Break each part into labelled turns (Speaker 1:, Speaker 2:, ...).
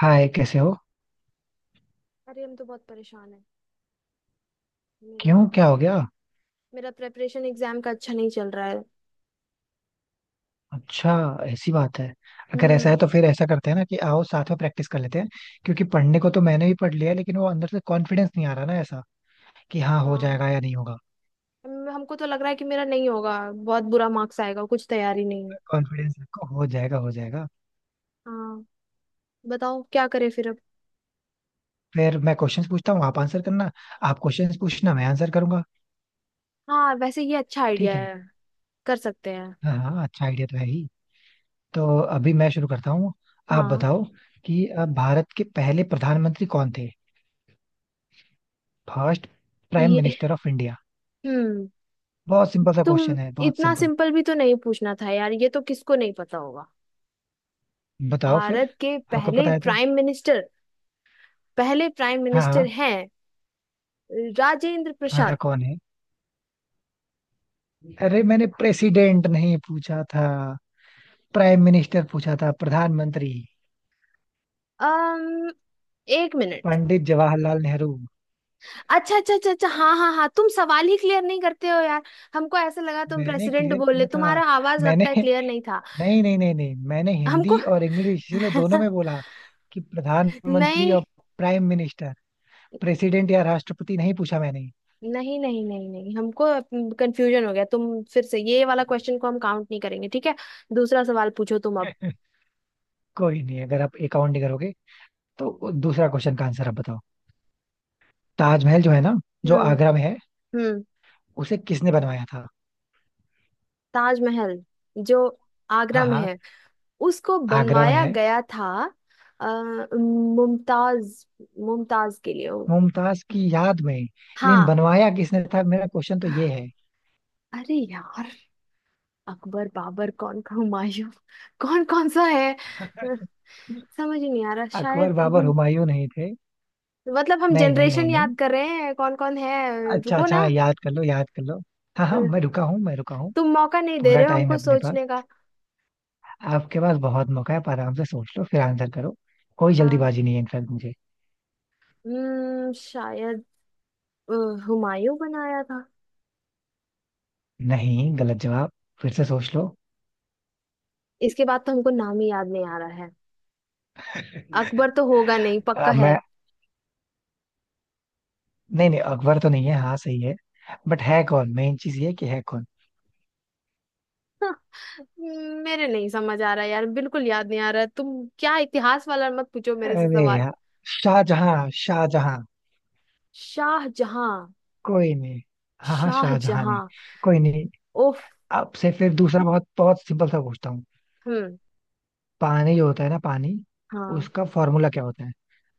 Speaker 1: हाय, कैसे हो?
Speaker 2: अरे हम तो बहुत परेशान है। मेरा
Speaker 1: क्यों? क्या हो गया?
Speaker 2: मेरा प्रेपरेशन एग्जाम का अच्छा नहीं चल रहा है।
Speaker 1: अच्छा। ऐसी बात है। अगर ऐसा
Speaker 2: हम्म।
Speaker 1: है तो फिर ऐसा करते हैं ना, कि आओ, साथ में प्रैक्टिस कर लेते हैं। क्योंकि पढ़ने को तो मैंने भी पढ़ लिया है, लेकिन वो अंदर से कॉन्फिडेंस नहीं आ रहा ना, ऐसा कि हाँ हो
Speaker 2: हाँ।
Speaker 1: जाएगा या नहीं होगा।
Speaker 2: हमको तो लग रहा है कि मेरा नहीं होगा, बहुत बुरा मार्क्स आएगा, कुछ तैयारी नहीं है।
Speaker 1: कॉन्फिडेंस रखो, हो जाएगा, हो जाएगा।
Speaker 2: हाँ। बताओ क्या करें फिर अब।
Speaker 1: फिर मैं क्वेश्चंस पूछता हूँ, आप आंसर करना। आप क्वेश्चंस पूछना, मैं आंसर करूंगा।
Speaker 2: हाँ वैसे ये अच्छा आइडिया
Speaker 1: ठीक है।
Speaker 2: है। कर सकते हैं।
Speaker 1: हाँ हाँ, अच्छा आइडिया तो है ही। तो अभी मैं शुरू करता हूँ। आप
Speaker 2: हाँ।
Speaker 1: बताओ। कि भारत के पहले प्रधानमंत्री कौन थे? फर्स्ट प्राइम
Speaker 2: ये
Speaker 1: मिनिस्टर ऑफ इंडिया।
Speaker 2: हम्म।
Speaker 1: बहुत सिंपल सा
Speaker 2: तुम
Speaker 1: क्वेश्चन है, बहुत
Speaker 2: इतना
Speaker 1: सिंपल।
Speaker 2: सिंपल भी तो नहीं पूछना था यार। ये तो किसको नहीं पता होगा।
Speaker 1: बताओ फिर।
Speaker 2: भारत के
Speaker 1: आपको
Speaker 2: पहले
Speaker 1: पता है तो।
Speaker 2: Prime minister. पहले प्राइम मिनिस्टर
Speaker 1: हाँ
Speaker 2: हैं राजेंद्र
Speaker 1: हाँ हाँ,
Speaker 2: प्रसाद।
Speaker 1: कौन है? अरे, मैंने प्रेसिडेंट नहीं पूछा था। प्राइम मिनिस्टर पूछा था, प्रधानमंत्री।
Speaker 2: अम्म एक मिनट।
Speaker 1: पंडित जवाहरलाल नेहरू।
Speaker 2: अच्छा अच्छा अच्छा अच्छा, हाँ हाँ हाँ। तुम सवाल ही क्लियर नहीं करते हो यार। हमको ऐसा लगा तुम
Speaker 1: मैंने
Speaker 2: प्रेसिडेंट
Speaker 1: क्लियर
Speaker 2: बोल रहे,
Speaker 1: किया था।
Speaker 2: तुम्हारा आवाज
Speaker 1: मैंने
Speaker 2: लगता है क्लियर नहीं था।
Speaker 1: नहीं नहीं नहीं नहीं, मैंने
Speaker 2: हमको
Speaker 1: हिंदी और इंग्लिश इसीलिए दोनों
Speaker 2: नहीं
Speaker 1: में बोला। कि प्रधानमंत्री और प्राइम मिनिस्टर। प्रेसिडेंट या राष्ट्रपति नहीं पूछा मैंने।
Speaker 2: नहीं नहीं नहीं नहीं, हमको कंफ्यूजन हो गया। तुम फिर से, ये वाला क्वेश्चन को हम काउंट नहीं करेंगे, ठीक है। दूसरा सवाल पूछो तुम अब।
Speaker 1: कोई नहीं, अगर आप अकाउंट नहीं करोगे तो दूसरा क्वेश्चन का आंसर आप बताओ। ताजमहल जो है ना, जो
Speaker 2: हम्म।
Speaker 1: आगरा में है,
Speaker 2: हम्म।
Speaker 1: उसे किसने बनवाया था?
Speaker 2: ताजमहल जो आगरा
Speaker 1: हाँ
Speaker 2: में
Speaker 1: हाँ।
Speaker 2: है उसको
Speaker 1: आगरा में
Speaker 2: बनवाया
Speaker 1: है।
Speaker 2: गया था अ, मुमताज, मुमताज के लिए।
Speaker 1: मुमताज की याद में। लेकिन
Speaker 2: हाँ।
Speaker 1: बनवाया किसने था, मेरा क्वेश्चन तो ये है।
Speaker 2: अरे यार, अकबर बाबर कौन का हुमायूं, कौन कौन सा है। अ, समझ ही नहीं आ रहा
Speaker 1: अकबर,
Speaker 2: शायद
Speaker 1: बाबर,
Speaker 2: हम।
Speaker 1: हुमायूं नहीं थे।
Speaker 2: मतलब हम
Speaker 1: नहीं नहीं नहीं
Speaker 2: जनरेशन याद
Speaker 1: नहीं।
Speaker 2: कर रहे हैं कौन कौन है,
Speaker 1: अच्छा
Speaker 2: रुको
Speaker 1: अच्छा,
Speaker 2: ना।
Speaker 1: हाँ, याद कर लो, याद कर लो। हाँ
Speaker 2: अ,
Speaker 1: हाँ, मैं रुका हूँ, मैं रुका हूँ।
Speaker 2: तुम मौका नहीं दे
Speaker 1: पूरा
Speaker 2: रहे हो
Speaker 1: टाइम है
Speaker 2: हमको
Speaker 1: अपने पास।
Speaker 2: सोचने का।
Speaker 1: आपके पास बहुत मौका है, आप आराम से सोच लो फिर आंसर करो। कोई
Speaker 2: अ,
Speaker 1: जल्दीबाजी नहीं है, इनफैक्ट मुझे।
Speaker 2: शायद अ, हुमायूं बनाया था।
Speaker 1: नहीं, गलत जवाब। फिर से सोच लो।
Speaker 2: इसके बाद तो हमको नाम ही याद नहीं आ रहा है। अकबर तो होगा नहीं, पक्का है।
Speaker 1: मैं। नहीं नहीं, अकबर तो नहीं है, हाँ सही है। बट है कौन, मेन चीज ये है कि है कौन।
Speaker 2: मेरे नहीं समझ आ रहा यार, बिल्कुल याद नहीं आ रहा। तुम क्या इतिहास वाला मत पूछो मेरे से
Speaker 1: अरे
Speaker 2: सवाल।
Speaker 1: यार, शाहजहां, शाहजहां।
Speaker 2: शाहजहां।
Speaker 1: कोई नहीं। हाँ हाँ, शाहजहां ने।
Speaker 2: शाहजहां।
Speaker 1: कोई नहीं।
Speaker 2: उफ।
Speaker 1: आपसे फिर दूसरा बहुत बहुत सिंपल सा पूछता हूँ।
Speaker 2: हम्म।
Speaker 1: पानी जो होता है ना, पानी,
Speaker 2: हाँ
Speaker 1: उसका फॉर्मूला क्या होता है?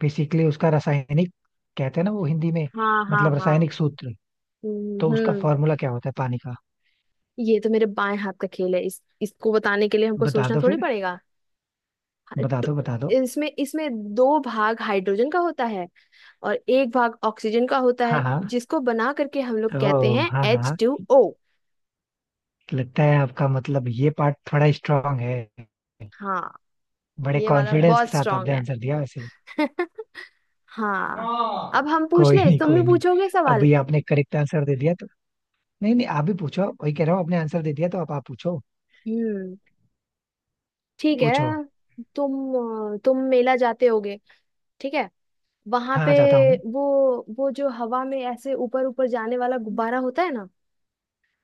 Speaker 1: बेसिकली उसका रासायनिक, कहते हैं ना वो हिंदी में,
Speaker 2: हाँ हाँ।
Speaker 1: मतलब
Speaker 2: हाँ।
Speaker 1: रासायनिक सूत्र।
Speaker 2: हम्म।
Speaker 1: तो उसका
Speaker 2: हम्म।
Speaker 1: फॉर्मूला क्या होता है पानी का?
Speaker 2: ये तो मेरे बाएं हाथ का खेल है। इस इसको बताने के लिए हमको
Speaker 1: बता
Speaker 2: सोचना
Speaker 1: दो
Speaker 2: थोड़ी
Speaker 1: फिर।
Speaker 2: पड़ेगा। हा-
Speaker 1: बता दो,
Speaker 2: ट-
Speaker 1: बता दो।
Speaker 2: इसमें इसमें दो भाग हाइड्रोजन का होता है और एक भाग ऑक्सीजन का होता
Speaker 1: हाँ
Speaker 2: है,
Speaker 1: हाँ।
Speaker 2: जिसको बना करके हम लोग कहते
Speaker 1: ओ
Speaker 2: हैं
Speaker 1: हाँ
Speaker 2: एच
Speaker 1: हाँ।
Speaker 2: टू ओ
Speaker 1: लगता है आपका मतलब ये पार्ट थोड़ा स्ट्रांग है।
Speaker 2: हाँ।
Speaker 1: बड़े
Speaker 2: ये वाला
Speaker 1: कॉन्फिडेंस के
Speaker 2: बहुत
Speaker 1: साथ
Speaker 2: स्ट्रांग
Speaker 1: आपने
Speaker 2: है।
Speaker 1: आंसर दिया वैसे।
Speaker 2: हाँ।
Speaker 1: हाँ।
Speaker 2: अब हम पूछ
Speaker 1: कोई
Speaker 2: ले,
Speaker 1: नहीं,
Speaker 2: तुम भी
Speaker 1: कोई नहीं।
Speaker 2: पूछोगे सवाल।
Speaker 1: अभी आपने करेक्ट आंसर दे दिया तो। नहीं नहीं, आप भी पूछो, वही कह रहा हूँ, आपने आंसर दे दिया तो आप पूछो।
Speaker 2: हम्म। ठीक है।
Speaker 1: पूछो।
Speaker 2: तुम मेला जाते होगे, ठीक है। वहां पे
Speaker 1: हाँ, जाता हूँ।
Speaker 2: वो वो जो हवा में ऐसे ऊपर ऊपर जाने वाला गुब्बारा होता है ना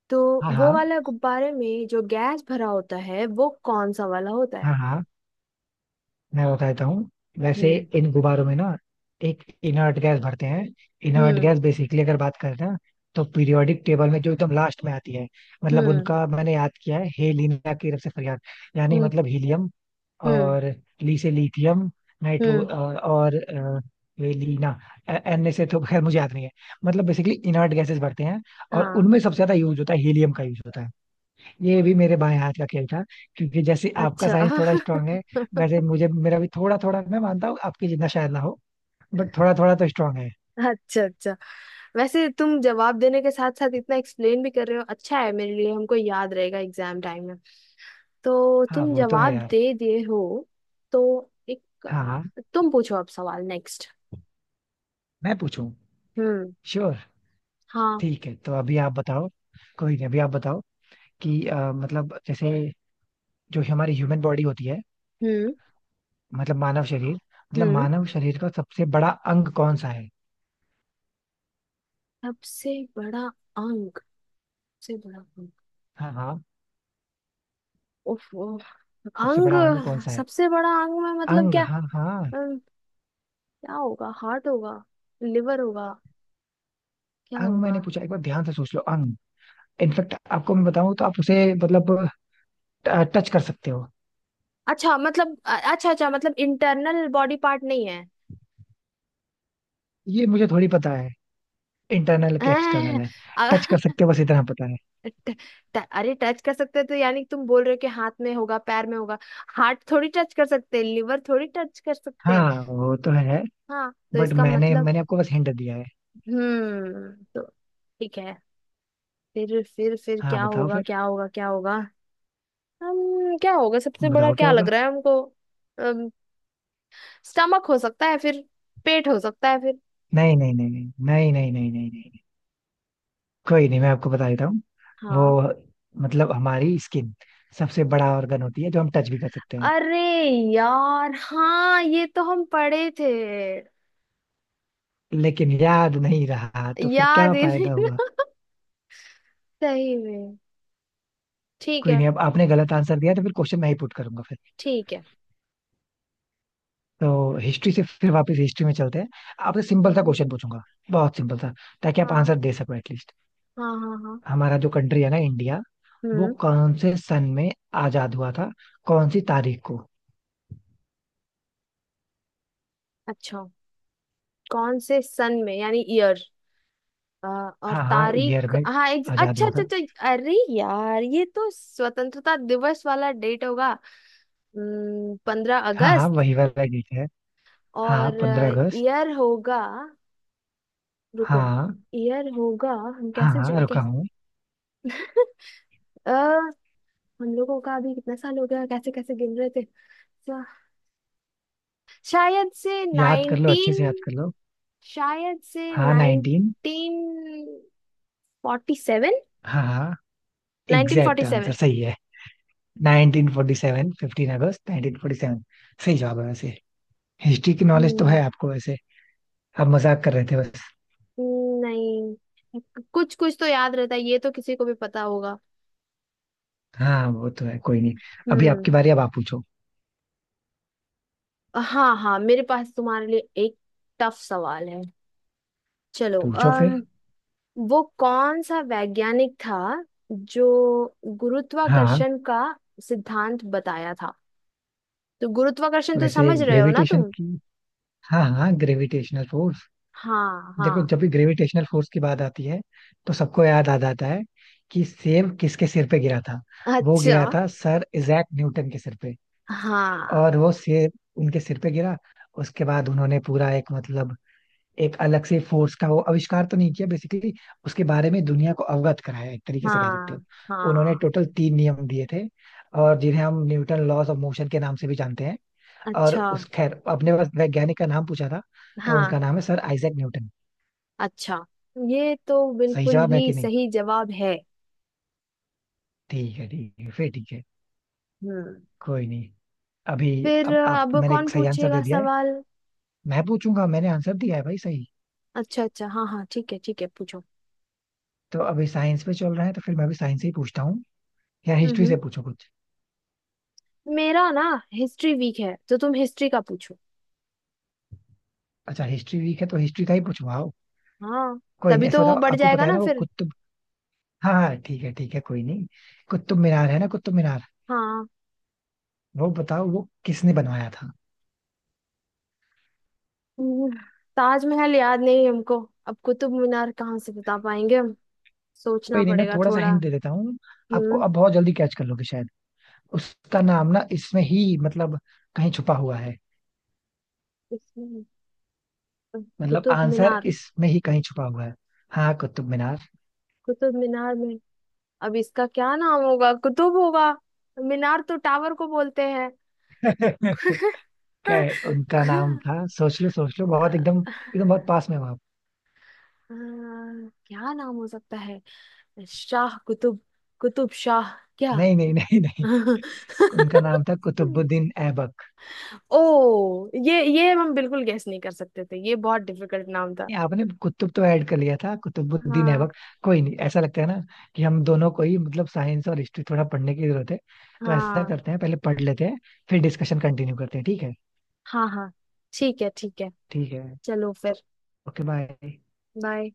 Speaker 2: तो,
Speaker 1: हाँ हाँ।
Speaker 2: वो वाला गुब्बारे में जो गैस भरा होता है वो कौन सा वाला होता है।
Speaker 1: हाँ हाँ। मैं बता देता हूँ। वैसे
Speaker 2: हम्म।
Speaker 1: इन गुब्बारों में ना, एक इनर्ट गैस भरते हैं। Inert
Speaker 2: hmm.
Speaker 1: गैस बेसिकली, अगर बात करें ना, तो पीरियोडिक टेबल में जो एकदम लास्ट में आती है। मतलब
Speaker 2: हम्म।
Speaker 1: उनका मैंने याद किया है, हेलिना की तरफ से फरियाद। यानी
Speaker 2: हम्म।
Speaker 1: मतलब हीलियम।
Speaker 2: हम्म।
Speaker 1: और, ली से लिथियम। नाइट्रो
Speaker 2: हम्म।
Speaker 1: और वे लीना। एन से तो खैर मुझे याद नहीं है। मतलब बेसिकली इनर्ट गैसेस भरते हैं। और
Speaker 2: हाँ।
Speaker 1: उनमें सबसे ज्यादा यूज होता है, हीलियम का यूज होता है। ये भी मेरे बाएं हाथ का खेल था। क्योंकि जैसे आपका
Speaker 2: अच्छा
Speaker 1: साइंस थोड़ा स्ट्रांग है, वैसे मुझे मेरा भी थोड़ा थोड़ा, मैं मानता हूँ आपके जितना शायद ना हो। बट थोड़ा थोड़ा तो स्ट्रांग है।
Speaker 2: अच्छा अच्छा। वैसे तुम जवाब देने के साथ साथ इतना एक्सप्लेन भी कर रहे हो, अच्छा है मेरे लिए। हमको याद रहेगा एग्जाम टाइम में। तो
Speaker 1: हाँ
Speaker 2: तुम
Speaker 1: वो तो है
Speaker 2: जवाब
Speaker 1: यार।
Speaker 2: दे दिए हो। तो एक,
Speaker 1: हाँ।
Speaker 2: तुम पूछो अब सवाल नेक्स्ट।
Speaker 1: मैं पूछूं?
Speaker 2: हम्म।
Speaker 1: श्योर।
Speaker 2: हाँ।
Speaker 1: ठीक है, तो अभी आप बताओ। कोई नहीं, अभी आप बताओ। कि मतलब जैसे, जो हमारी ह्यूमन बॉडी होती है,
Speaker 2: हम्म।
Speaker 1: मतलब मानव शरीर, मतलब
Speaker 2: हम्म।
Speaker 1: मानव शरीर का सबसे बड़ा अंग कौन सा है?
Speaker 2: सबसे बड़ा अंग। सबसे बड़ा अंग।
Speaker 1: हाँ हाँ।
Speaker 2: उफ, उफ,
Speaker 1: सबसे
Speaker 2: अंग।
Speaker 1: बड़ा अंग कौन सा है?
Speaker 2: सबसे बड़ा अंग में मतलब
Speaker 1: अंग,
Speaker 2: क्या।
Speaker 1: हाँ हाँ।
Speaker 2: अम, क्या होगा, हार्ट होगा, लिवर होगा, क्या
Speaker 1: अंग
Speaker 2: होगा।
Speaker 1: मैंने पूछा, एक बार ध्यान से सोच लो, अंग। इनफेक्ट आपको मैं बताऊं तो आप उसे, मतलब, टच कर सकते हो।
Speaker 2: अच्छा मतलब अच्छा अच्छा, मतलब इंटरनल बॉडी पार्ट नहीं है।
Speaker 1: ये मुझे थोड़ी पता है। इंटरनल के एक्सटर्नल
Speaker 2: हैं,
Speaker 1: है। टच कर
Speaker 2: अ-
Speaker 1: सकते हो, बस इतना पता है।
Speaker 2: ट, ट, अरे टच कर सकते हैं तो यानी कि तुम बोल रहे हो कि हाथ में होगा पैर में होगा। हार्ट थोड़ी टच कर सकते हैं, लिवर थोड़ी टच कर सकते
Speaker 1: हाँ
Speaker 2: हैं।
Speaker 1: वो तो है।
Speaker 2: हाँ तो
Speaker 1: बट
Speaker 2: इसका
Speaker 1: मैंने
Speaker 2: मतलब।
Speaker 1: मैंने आपको बस हिंट दिया है।
Speaker 2: हम्म। तो ठीक है। फिर
Speaker 1: हाँ,
Speaker 2: क्या
Speaker 1: बताओ
Speaker 2: होगा,
Speaker 1: फिर।
Speaker 2: क्या होगा, क्या होगा। हम क्या होगा, सबसे बड़ा
Speaker 1: बताओ क्या
Speaker 2: क्या लग
Speaker 1: होगा।
Speaker 2: रहा है हमको। स्टमक हो सकता है फिर। पेट हो सकता है फिर।
Speaker 1: नहीं नहीं नहीं नहीं। नहीं नहीं नहीं नहीं नहीं। कोई नहीं, मैं आपको बता देता हूँ। वो,
Speaker 2: हाँ।
Speaker 1: मतलब हमारी स्किन, सबसे बड़ा ऑर्गन होती है जो हम टच भी कर सकते हैं।
Speaker 2: अरे यार, हाँ ये तो हम पढ़े थे।
Speaker 1: लेकिन याद नहीं रहा तो फिर क्या
Speaker 2: याद ही
Speaker 1: फायदा
Speaker 2: नहीं
Speaker 1: हुआ?
Speaker 2: सही में। ठीक
Speaker 1: कोई
Speaker 2: है।
Speaker 1: नहीं, अब आपने गलत आंसर दिया तो फिर क्वेश्चन मैं ही पुट करूंगा फिर।
Speaker 2: ठीक है।
Speaker 1: तो हिस्ट्री से फिर वापस हिस्ट्री में चलते हैं। आपसे सिंपल सा
Speaker 2: हम्म।
Speaker 1: क्वेश्चन पूछूंगा। बहुत सिंपल सा। ताकि आप
Speaker 2: हाँ
Speaker 1: आंसर दे सको एटलीस्ट।
Speaker 2: हाँ हाँ हाँ।
Speaker 1: हमारा जो कंट्री है ना, इंडिया, वो
Speaker 2: हम्म।
Speaker 1: कौन से सन में आजाद हुआ था? कौन सी तारीख को?
Speaker 2: अच्छा। कौन से सन में, यानी ईयर। अ, और
Speaker 1: हाँ हाँ, ईयर
Speaker 2: तारीख,
Speaker 1: में
Speaker 2: हाँ एक,
Speaker 1: आजाद
Speaker 2: अच्छा
Speaker 1: हुआ
Speaker 2: अच्छा
Speaker 1: था।
Speaker 2: अच्छा। अरे यार, ये तो स्वतंत्रता दिवस वाला डेट होगा। पंद्रह
Speaker 1: हाँ हाँ,
Speaker 2: अगस्त
Speaker 1: वही वाला डेट है। हाँ,
Speaker 2: और
Speaker 1: 15 अगस्त।
Speaker 2: ईयर होगा, रुको।
Speaker 1: हाँ
Speaker 2: ईयर होगा, हम
Speaker 1: हाँ,
Speaker 2: कैसे
Speaker 1: हाँ रुका
Speaker 2: कैसे।
Speaker 1: हूँ।
Speaker 2: अ, हम लोगों का अभी कितना साल हो गया, कैसे कैसे गिन रहे थे। अच्छा, शायद से
Speaker 1: याद कर लो, अच्छे
Speaker 2: नाइनटीन।
Speaker 1: से याद कर लो।
Speaker 2: शायद से
Speaker 1: हाँ,
Speaker 2: नाइनटीन
Speaker 1: नाइनटीन।
Speaker 2: फोर्टी सेवन
Speaker 1: हाँ हाँ।
Speaker 2: Nineteen
Speaker 1: exact
Speaker 2: forty
Speaker 1: answer
Speaker 2: seven
Speaker 1: सही है। 1947, 15 अगस्त 1947। सही जवाब है वैसे। हिस्ट्री की नॉलेज तो
Speaker 2: हम्म,
Speaker 1: है आपको वैसे। आप मजाक कर रहे थे बस।
Speaker 2: नहीं, कुछ कुछ तो याद रहता है, ये तो किसी को भी पता होगा।
Speaker 1: हाँ वो तो है, कोई नहीं। अभी
Speaker 2: हम्म।
Speaker 1: आपकी बारी, अब आप पूछो।
Speaker 2: हाँ हाँ, मेरे पास तुम्हारे लिए एक टफ सवाल है। चलो
Speaker 1: पूछो
Speaker 2: अम
Speaker 1: फिर।
Speaker 2: वो कौन सा वैज्ञानिक था जो
Speaker 1: हाँ,
Speaker 2: गुरुत्वाकर्षण का सिद्धांत बताया था। तो गुरुत्वाकर्षण तो
Speaker 1: वैसे
Speaker 2: समझ रहे हो ना
Speaker 1: ग्रेविटेशन
Speaker 2: तुम।
Speaker 1: की, हाँ हाँ, ग्रेविटेशनल फोर्स।
Speaker 2: हाँ
Speaker 1: देखो,
Speaker 2: हाँ।
Speaker 1: जब भी ग्रेविटेशनल फोर्स की बात आती है, तो सबको याद आ जाता है कि सेब किसके सिर पे गिरा था। वो
Speaker 2: अच्छा।
Speaker 1: गिरा था सर इजैक न्यूटन के सिर पे।
Speaker 2: हाँ
Speaker 1: और वो सेब उनके सिर पे गिरा, उसके बाद उन्होंने पूरा एक मतलब, एक अलग से फोर्स का वो आविष्कार तो नहीं किया बेसिकली, उसके बारे में दुनिया को अवगत कराया, एक तरीके से कह सकते हो।
Speaker 2: हाँ
Speaker 1: उन्होंने
Speaker 2: हाँ।
Speaker 1: टोटल तीन नियम दिए थे। और जिन्हें हम न्यूटन लॉज ऑफ मोशन के नाम से भी जानते हैं। और
Speaker 2: अच्छा।
Speaker 1: उस, खैर, अपने पास वैज्ञानिक का नाम पूछा था। तो
Speaker 2: हाँ।
Speaker 1: उनका नाम है सर आइजैक न्यूटन।
Speaker 2: अच्छा। ये तो
Speaker 1: सही
Speaker 2: बिल्कुल
Speaker 1: जवाब है
Speaker 2: ही
Speaker 1: कि नहीं?
Speaker 2: सही जवाब है।
Speaker 1: ठीक है, ठीक है फिर, ठीक है।
Speaker 2: हम्म।
Speaker 1: कोई नहीं। अभी,
Speaker 2: फिर
Speaker 1: अब आप,
Speaker 2: अब
Speaker 1: मैंने
Speaker 2: कौन
Speaker 1: एक सही आंसर
Speaker 2: पूछेगा
Speaker 1: दे दिया है।
Speaker 2: सवाल।
Speaker 1: मैं पूछूंगा, मैंने आंसर दिया है भाई सही।
Speaker 2: अच्छा अच्छा, हाँ हाँ ठीक है ठीक है, पूछो।
Speaker 1: तो अभी साइंस पे चल रहा है तो फिर मैं भी साइंस से ही पूछता हूँ। या हिस्ट्री से
Speaker 2: हम्म।
Speaker 1: पूछो कुछ।
Speaker 2: मेरा ना हिस्ट्री वीक है तो तुम हिस्ट्री का पूछो।
Speaker 1: अच्छा, हिस्ट्री वीक है तो हिस्ट्री का ही पूछवाओ।
Speaker 2: हाँ।
Speaker 1: कोई नहीं,
Speaker 2: तभी
Speaker 1: ऐसा
Speaker 2: तो वो
Speaker 1: बताओ,
Speaker 2: बढ़
Speaker 1: आपको
Speaker 2: जाएगा
Speaker 1: पता है
Speaker 2: ना
Speaker 1: ना वो
Speaker 2: फिर।
Speaker 1: कुतुब? हाँ हाँ, ठीक है ठीक है, कोई नहीं। कुतुब मीनार है ना, कुतुब मीनार,
Speaker 2: हाँ।
Speaker 1: वो बताओ वो किसने बनवाया था?
Speaker 2: हम्म, ताजमहल याद नहीं है हमको, अब कुतुब मीनार कहाँ से बता पाएंगे हम। सोचना
Speaker 1: कोई नहीं, मैं
Speaker 2: पड़ेगा
Speaker 1: थोड़ा सा
Speaker 2: थोड़ा।
Speaker 1: हिंट दे देता हूँ। आपको
Speaker 2: हम्म।
Speaker 1: अब बहुत जल्दी कैच कर लोगे शायद। उसका नाम ना इसमें ही, मतलब कहीं छुपा हुआ है।
Speaker 2: इसमें अ,
Speaker 1: मतलब
Speaker 2: कुतुब
Speaker 1: आंसर
Speaker 2: मीनार।
Speaker 1: इसमें ही कहीं छुपा हुआ है। हाँ, कुतुब मीनार।
Speaker 2: कुतुब मीनार में अब इसका क्या नाम होगा, कुतुब होगा। मीनार तो टावर को बोलते हैं।
Speaker 1: क्या है उनका नाम था, सोच लो सोच लो, बहुत एकदम एकदम बहुत पास में हो आप।
Speaker 2: क्या नाम हो सकता है। शाह कुतुब। कुतुब शाह। क्या।
Speaker 1: नहीं नहीं नहीं नहीं। उनका नाम था कुतुबुद्दीन ऐबक।
Speaker 2: ओ। ये हम बिल्कुल गेस नहीं कर सकते थे, ये बहुत डिफिकल्ट नाम था।
Speaker 1: नहीं, आपने कुतुब तो ऐड कर लिया था, कुतुबुद्दीन
Speaker 2: हाँ।
Speaker 1: ऐबक। कोई नहीं, ऐसा लगता है ना, कि हम दोनों को ही मतलब साइंस और हिस्ट्री थोड़ा पढ़ने की जरूरत है। तो ऐसा
Speaker 2: हाँ
Speaker 1: करते हैं, पहले पढ़ लेते हैं। फिर डिस्कशन कंटिन्यू करते हैं, ठीक है?
Speaker 2: हाँ हाँ। ठीक है ठीक है।
Speaker 1: ठीक है।
Speaker 2: चलो फिर।
Speaker 1: Okay, bye.
Speaker 2: बाय।